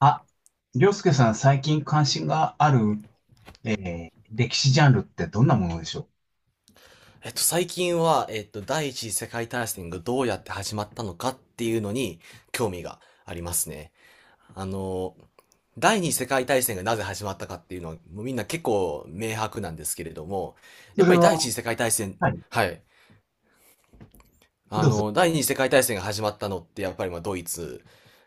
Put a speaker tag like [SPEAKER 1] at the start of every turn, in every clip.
[SPEAKER 1] あ、りょうすけさん、最近関心がある、歴史ジャンルってどんなものでしょう？
[SPEAKER 2] 最近は、第一次世界大戦がどうやって始まったのかっていうのに興味がありますね。あの、第二次世界大戦がなぜ始まったかっていうのは、もうみんな結構明白なんですけれども、
[SPEAKER 1] そ
[SPEAKER 2] やっ
[SPEAKER 1] れ
[SPEAKER 2] ぱり第一
[SPEAKER 1] は、
[SPEAKER 2] 次世界大戦。
[SPEAKER 1] はい、
[SPEAKER 2] はい。
[SPEAKER 1] どうぞ。
[SPEAKER 2] 第二次世界大戦が始まったのって、やっぱりまあドイツ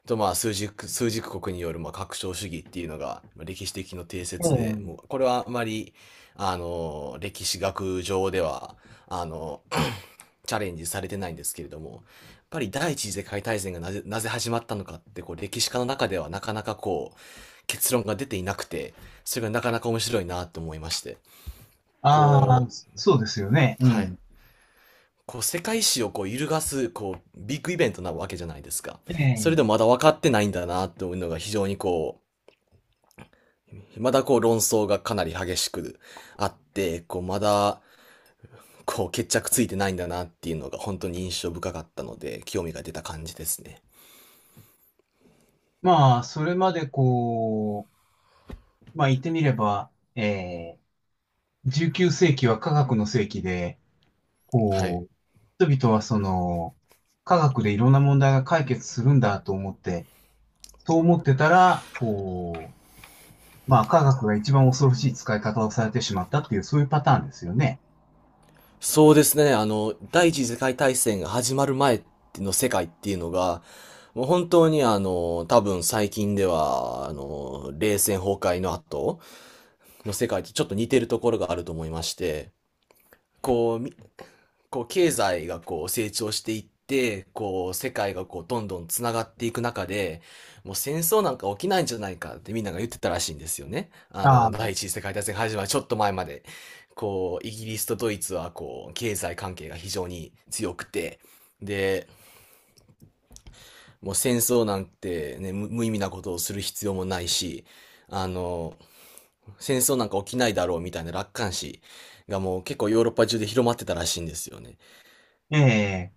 [SPEAKER 2] とまあ枢軸国によるまあ拡張主義っていうのがまあ歴史的の定説で、もう
[SPEAKER 1] ええ。
[SPEAKER 2] これはあまり、歴史学上では、あの、チャレンジされてないんですけれども、やっぱり第一次世界大戦がなぜ始まったのかって、こう歴史家の中ではなかなかこう、結論が出ていなくて、それがなかなか面白いなと思いまして。
[SPEAKER 1] あ
[SPEAKER 2] こ
[SPEAKER 1] あ、そうですよね。う
[SPEAKER 2] う、はい。
[SPEAKER 1] ん。
[SPEAKER 2] こう世界史をこう揺るがす、こう、ビッグイベントなわけじゃないですか。それでも
[SPEAKER 1] ええ。
[SPEAKER 2] まだ分かってないんだなというのが非常にこう、まだこう論争がかなり激しくあって、こうまだ、こう決着ついてないんだなっていうのが本当に印象深かったので、興味が出た感じですね。
[SPEAKER 1] まあ、それまでこう、まあ言ってみれば、ええ、19世紀は科学の世紀で、
[SPEAKER 2] はい。
[SPEAKER 1] こう、人々はその、科学でいろんな問題が解決するんだと思って、そう思ってたら、こうまあ、科学が一番恐ろしい使い方をされてしまったっていう、そういうパターンですよね。
[SPEAKER 2] そうですね。第一次世界大戦が始まる前の世界っていうのが、もう本当にあの、多分最近では、冷戦崩壊の後の世界とちょっと似てるところがあると思いまして、こう、こう経済がこう成長していって、こう世界がこうどんどんつながっていく中で、もう戦争なんか起きないんじゃないかってみんなが言ってたらしいんですよね。
[SPEAKER 1] ああ、
[SPEAKER 2] 第一次世界大戦が始まるちょっと前まで、こうイギリスとドイツはこう経済関係が非常に強くて、で、もう戦争なんてね、無意味なことをする必要もないし、あの、戦争なんか起きないだろうみたいな楽観視がもう結構ヨーロッパ中で広まってたらしいんですよね。
[SPEAKER 1] ええ。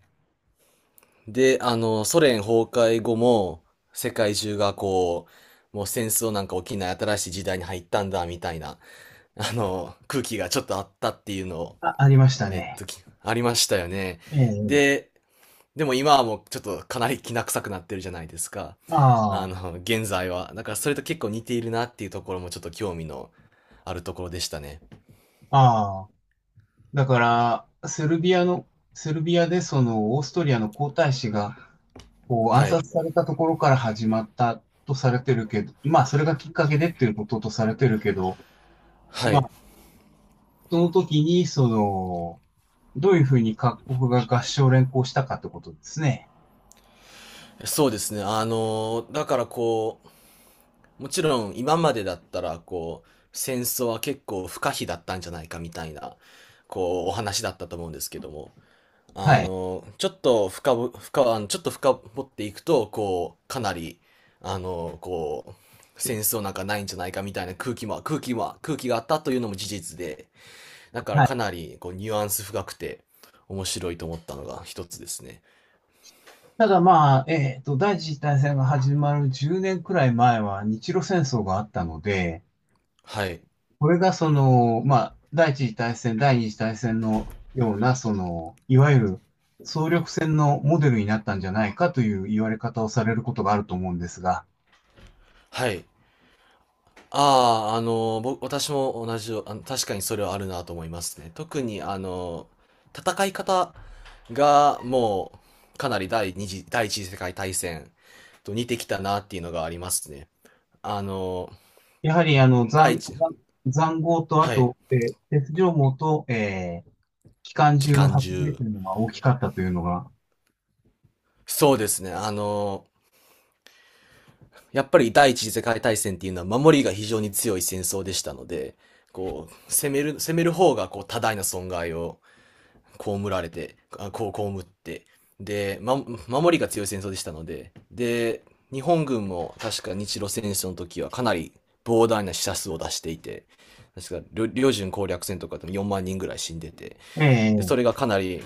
[SPEAKER 2] で、ソ連崩壊後も、世界中がこう、もう戦争なんか起きない新しい時代に入ったんだ、みたいな、空気がちょっとあったっていうのを、
[SPEAKER 1] あ、ありましたね。
[SPEAKER 2] ありましたよね。
[SPEAKER 1] ええ。
[SPEAKER 2] で、でも今はもうちょっとかなりきな臭くなってるじゃないですか。
[SPEAKER 1] あ
[SPEAKER 2] あ
[SPEAKER 1] あ、
[SPEAKER 2] の、現在は。だからそれと結構似ているなっていうところもちょっと興味のあるところでしたね。
[SPEAKER 1] ああ。だから、セルビアでその、オーストリアの皇太子が、こう、暗
[SPEAKER 2] はい。
[SPEAKER 1] 殺されたところから始まったとされてるけど、まあ、それがきっかけでっていうこととされてるけど、
[SPEAKER 2] は
[SPEAKER 1] ま
[SPEAKER 2] い。
[SPEAKER 1] あ、その時に、その、どういうふうに各国が合唱連行したかってことですね。
[SPEAKER 2] そうですね。だからこう、もちろん今までだったらこう戦争は結構不可避だったんじゃないかみたいなこうお話だったと思うんですけども、
[SPEAKER 1] はい。はい。
[SPEAKER 2] ちょっと深掘っていくとこうかなり、こう戦争なんかないんじゃないかみたいな空気があったというのも事実で、だからかなりこうニュアンス深くて面白いと思ったのが一つですね。
[SPEAKER 1] ただまあ、第一次大戦が始まる10年くらい前は日露戦争があったので、
[SPEAKER 2] はい
[SPEAKER 1] これがその、まあ、第一次大戦、第二次大戦のような、その、いわゆる総力戦のモデルになったんじゃないかという言われ方をされることがあると思うんですが、
[SPEAKER 2] はい。ああ、あの、私も同じよ、確かにそれはあるなと思いますね。特に、戦い方がもう、かなり第一次世界大戦と似てきたなっていうのがありますね。あの、
[SPEAKER 1] やはりあの、
[SPEAKER 2] 第
[SPEAKER 1] 塹
[SPEAKER 2] 一、
[SPEAKER 1] 塹壕と、あ
[SPEAKER 2] はい、
[SPEAKER 1] と、鉄条網と、機関
[SPEAKER 2] 機
[SPEAKER 1] 銃の
[SPEAKER 2] 関
[SPEAKER 1] 発明
[SPEAKER 2] 銃。
[SPEAKER 1] というのが大きかったというのが、
[SPEAKER 2] そうですね。やっぱり第一次世界大戦っていうのは守りが非常に強い戦争でしたので、こう、攻める方がこう多大な損害を被られて、あこう、被って、で、ま、守りが強い戦争でしたので、で、日本軍も確か日露戦争の時はかなり膨大な死者数を出していて、確か領準攻略戦とかでも4万人ぐらい死んでて、
[SPEAKER 1] え
[SPEAKER 2] で、それ
[SPEAKER 1] え。
[SPEAKER 2] がかなり、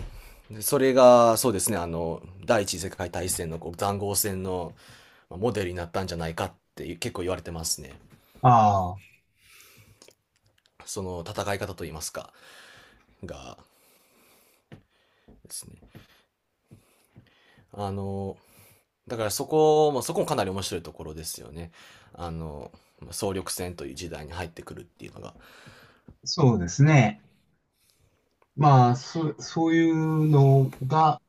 [SPEAKER 2] でそれが、そうですね、第一次世界大戦のこう塹壕戦のまあモデルになったんじゃないかって結構言われてますね。
[SPEAKER 1] ああ、
[SPEAKER 2] その戦い方といいますか、がですね。あの、だからそこもかなり面白いところですよね。あの、総力戦という時代に入ってくるっていうのが。
[SPEAKER 1] そうですね。まあ、そういうのが、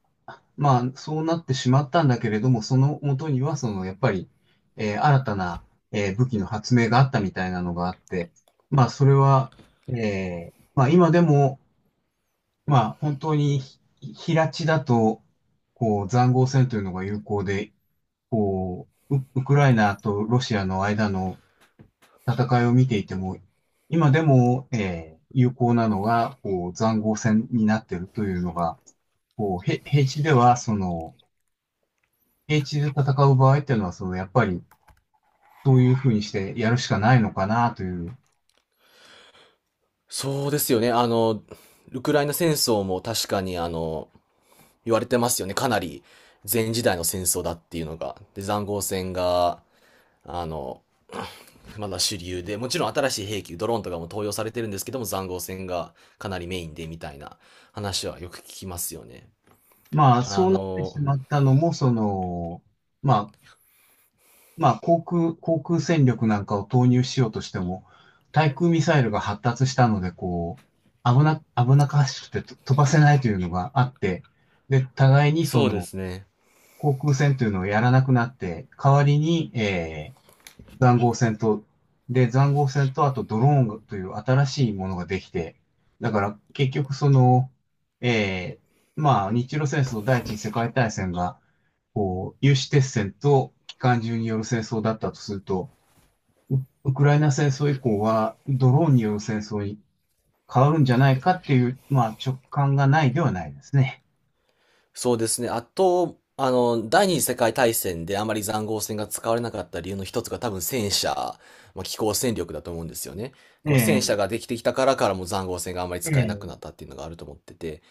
[SPEAKER 1] まあ、そうなってしまったんだけれども、その元には、その、やっぱり、新たな、武器の発明があったみたいなのがあって、まあ、それは、まあ、今でも、まあ、本当に、平地だと、こう、塹壕戦というのが有効で、こう、ウクライナとロシアの間の戦いを見ていても、今でも、有効なのが、こう、塹壕戦になっているというのが、こう、平地では、その、平地で戦う場合っていうのは、その、やっぱり、どういうふうにしてやるしかないのかなという。
[SPEAKER 2] そうですよね。ウクライナ戦争も確かにあの、言われてますよね。かなり前時代の戦争だっていうのが。で、塹壕戦が、あの、まだ主流で、もちろん新しい兵器、ドローンとかも投与されてるんですけども、塹壕戦がかなりメインでみたいな話はよく聞きますよね。
[SPEAKER 1] まあ、
[SPEAKER 2] あ
[SPEAKER 1] そうなってし
[SPEAKER 2] の、
[SPEAKER 1] まったのも、その、まあ、まあ、航空戦力なんかを投入しようとしても、対空ミサイルが発達したので、こう、危なっかしくてと飛ばせないというのがあって、で、互いにそ
[SPEAKER 2] そうで
[SPEAKER 1] の、
[SPEAKER 2] すね。
[SPEAKER 1] 航空戦というのをやらなくなって、代わりに、塹壕戦と、塹壕戦と、あとドローンという新しいものができて、だから結局その、えまあ、日露戦争第一次世界大戦が、こう、有刺鉄線と機関銃による戦争だったとすると、ウウクライナ戦争以降はドローンによる戦争に変わるんじゃないかっていう、まあ、直感がないではないですね。
[SPEAKER 2] そうですね。あと、第二次世界大戦であまり塹壕戦が使われなかった理由の一つが多分戦車、まあ、機甲戦力だと思うんですよね。こう
[SPEAKER 1] え
[SPEAKER 2] 戦車が
[SPEAKER 1] え
[SPEAKER 2] できてきたからも塹壕戦があまり使えなくな
[SPEAKER 1] ええ
[SPEAKER 2] ったっていうのがあると思ってて、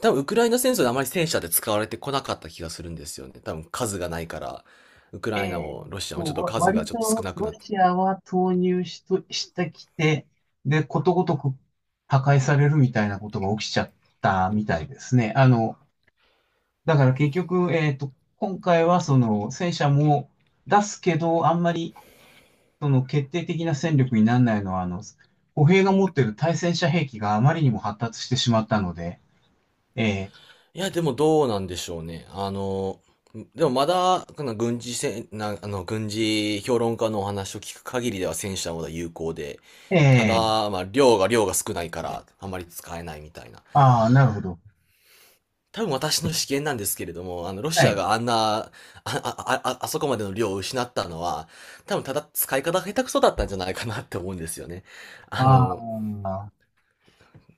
[SPEAKER 2] 多分ウクライナ戦争であまり戦車で使われてこなかった気がするんですよね。多分数がないから、ウクライナもロシアもちょっと数が
[SPEAKER 1] 割
[SPEAKER 2] ちょっと少
[SPEAKER 1] と
[SPEAKER 2] なく
[SPEAKER 1] ロ
[SPEAKER 2] なっ、
[SPEAKER 1] シアは投入しと、してきて、で、ことごとく破壊されるみたいなことが起きちゃったみたいですね。だから結局、今回はその戦車も出すけど、あんまりその決定的な戦力にならないのは、歩兵が持ってる対戦車兵器があまりにも発達してしまったので、え
[SPEAKER 2] いや、でもどうなんでしょうね。でもまだ、この軍事戦、な、あの、軍事評論家のお話を聞く限りでは戦車の方が有効で、
[SPEAKER 1] ー、
[SPEAKER 2] た
[SPEAKER 1] えー、
[SPEAKER 2] だ、まあ、量が少ないから、あまり使えないみたいな。
[SPEAKER 1] ああ、なるほど。
[SPEAKER 2] 多分私の試見なんですけれども、ロシ
[SPEAKER 1] は
[SPEAKER 2] ア
[SPEAKER 1] い。
[SPEAKER 2] があんな、あ、あ、あ、あそこまでの量を失ったのは、多分ただ使い方が下手くそだったんじゃないかなって思うんですよね。あ
[SPEAKER 1] あ
[SPEAKER 2] の、
[SPEAKER 1] あ、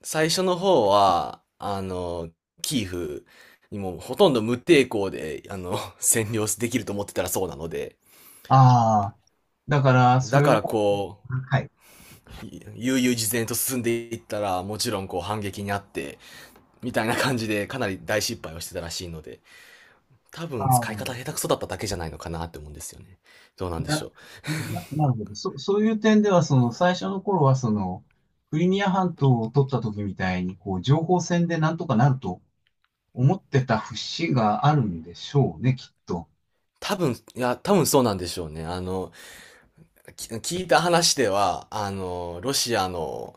[SPEAKER 2] 最初の方は、キーフにもほとんど無抵抗で、あの、占領できると思ってたらそうなので、
[SPEAKER 1] ああ、だから、そ
[SPEAKER 2] だ
[SPEAKER 1] れ
[SPEAKER 2] か
[SPEAKER 1] は、
[SPEAKER 2] らこ
[SPEAKER 1] はい。
[SPEAKER 2] う、悠々自然と進んでいったら、もちろんこう反撃にあって、みたいな感じでかなり大失敗をしてたらしいので、多
[SPEAKER 1] あ
[SPEAKER 2] 分使い方
[SPEAKER 1] あ、
[SPEAKER 2] 下手くそだっただけじゃないのかなって思うんですよね。どうなんでしょ
[SPEAKER 1] な、
[SPEAKER 2] う。
[SPEAKER 1] なるほど。そういう点では、その、最初の頃は、その、クリミア半島を取った時みたいに、こう、情報戦でなんとかなると思ってた節があるんでしょうね、きっと。
[SPEAKER 2] 多分そうなんでしょうね。あの、き聞いた話では、あの、ロシアの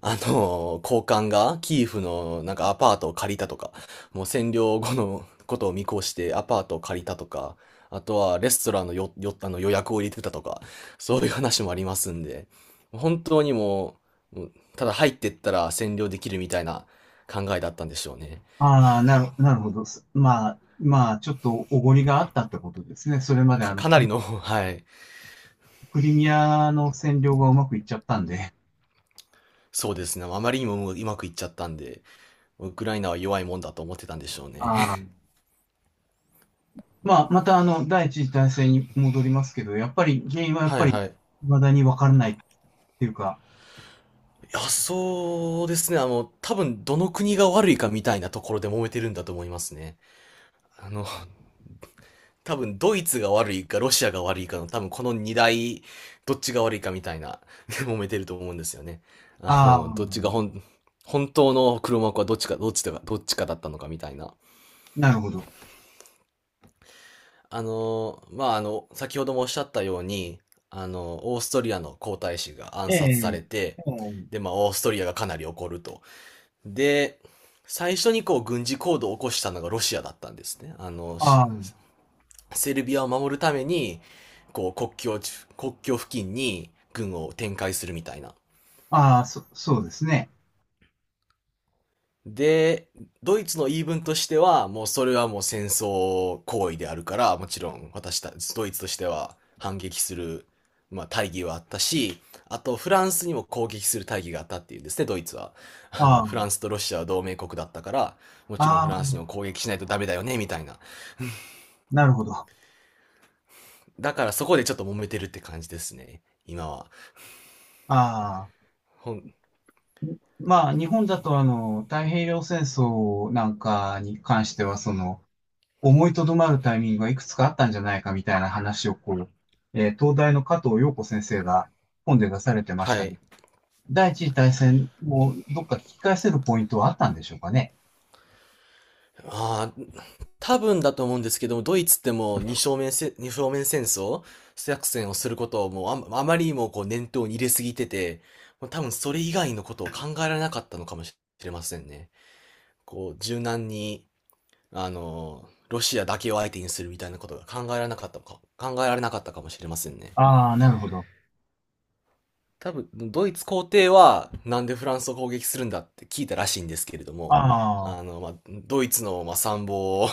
[SPEAKER 2] あの、高官がキーフのなんかアパートを借りたとか、もう占領後のことを見越してアパートを借りたとか、あとはレストランのよ、よ、あの予約を入れてたとか、そういう話もありますんで、本当にもう、もうただ入ってったら占領できるみたいな考えだったんでしょうね。
[SPEAKER 1] ああ、なるほど。まあ、まあ、ちょっとおごりがあったってことですね。それまで、
[SPEAKER 2] かなり
[SPEAKER 1] ク
[SPEAKER 2] の、はい、
[SPEAKER 1] クリミアの占領がうまくいっちゃったんで。
[SPEAKER 2] そうですね。あまりにももううまくいっちゃったんで、ウクライナは弱いもんだと思ってたんでしょうね。
[SPEAKER 1] あ あ。まあ、また、第一次大戦に戻りますけど、やっぱり、原因はやっ
[SPEAKER 2] は
[SPEAKER 1] ぱ
[SPEAKER 2] い
[SPEAKER 1] り、
[SPEAKER 2] はい。
[SPEAKER 1] 未だにわからないっていうか、
[SPEAKER 2] いや、そうですね。多分どの国が悪いかみたいなところで揉めてるんだと思いますね。あの、多分ドイツが悪いかロシアが悪いかの多分この二大、どっちが悪いかみたいな、揉めてると思うんですよね。あ
[SPEAKER 1] あ
[SPEAKER 2] の、どっちが
[SPEAKER 1] あ。
[SPEAKER 2] 本、本当の黒幕はどっちかだったのかみたいな。
[SPEAKER 1] なるほど。
[SPEAKER 2] 先ほどもおっしゃったように、オーストリアの皇太子が暗
[SPEAKER 1] え
[SPEAKER 2] 殺さ
[SPEAKER 1] え、
[SPEAKER 2] れて、
[SPEAKER 1] ええ、
[SPEAKER 2] で、まあ、オーストリアがかなり怒ると。で、最初にこう軍事行動を起こしたのがロシアだったんですね。
[SPEAKER 1] ああ、
[SPEAKER 2] セルビアを守るために、こう国境付近に軍を展開するみたいな。
[SPEAKER 1] ああ、そうですね。
[SPEAKER 2] で、ドイツの言い分としては、もうそれはもう戦争行為であるから、もちろん私た、ドイツとしては反撃する、まあ、大義はあったし、あとフランスにも攻撃する大義があったっていうんですね、ドイツは。
[SPEAKER 1] あ
[SPEAKER 2] フラン
[SPEAKER 1] あ、
[SPEAKER 2] スとロシアは同盟国だったから、もちろん
[SPEAKER 1] あ
[SPEAKER 2] フラン
[SPEAKER 1] あ、
[SPEAKER 2] スにも攻撃しないとダメだよね、みたいな。
[SPEAKER 1] なるほど。あ
[SPEAKER 2] だからそこでちょっと揉めてるって感じですね、今は。
[SPEAKER 1] あ、
[SPEAKER 2] ほん、
[SPEAKER 1] まあ、日本だと、太平洋戦争なんかに関しては、その、思いとどまるタイミングがいくつかあったんじゃないかみたいな話を、こう、東大の加藤陽子先生が本で出されてまし
[SPEAKER 2] は
[SPEAKER 1] たけ
[SPEAKER 2] い。
[SPEAKER 1] ど、第一次大戦をどっか聞き返せるポイントはあったんでしょうかね。
[SPEAKER 2] ああ、多分だと思うんですけども、ドイツってもう二正面戦争作戦をすることをもうあまりにもこう念頭に入れすぎてて、もう多分それ以外のことを考えられなかったのかもしれませんね。こう、柔軟に、ロシアだけを相手にするみたいなことが考えられなかったかもしれませんね。
[SPEAKER 1] ああ、なるほど。
[SPEAKER 2] 多分、ドイツ皇帝は、なんでフランスを攻撃するんだって聞いたらしいんですけれど
[SPEAKER 1] あ
[SPEAKER 2] も、
[SPEAKER 1] あ、
[SPEAKER 2] ドイツの、まあ、参謀を、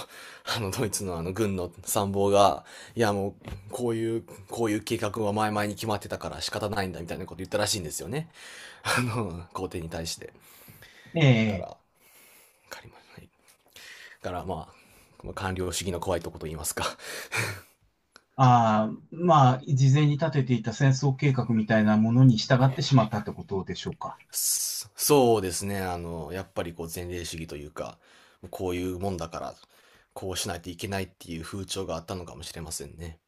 [SPEAKER 2] あの、ドイツの軍の参謀が、いや、もう、こういう、こういう計画は前々に決まってたから仕方ないんだ、みたいなこと言ったらしいんですよね。皇帝に対して。
[SPEAKER 1] え
[SPEAKER 2] だから、
[SPEAKER 1] え。
[SPEAKER 2] わかりました。だから、まあ官僚主義の怖いとこと言いますか。
[SPEAKER 1] ああ、まあ、事前に立てていた戦争計画みたいなものに従ってしまったってことでしょうか。
[SPEAKER 2] そそうですね。やっぱりこう前例主義というか、こういうもんだから、こうしないといけないっていう風潮があったのかもしれませんね。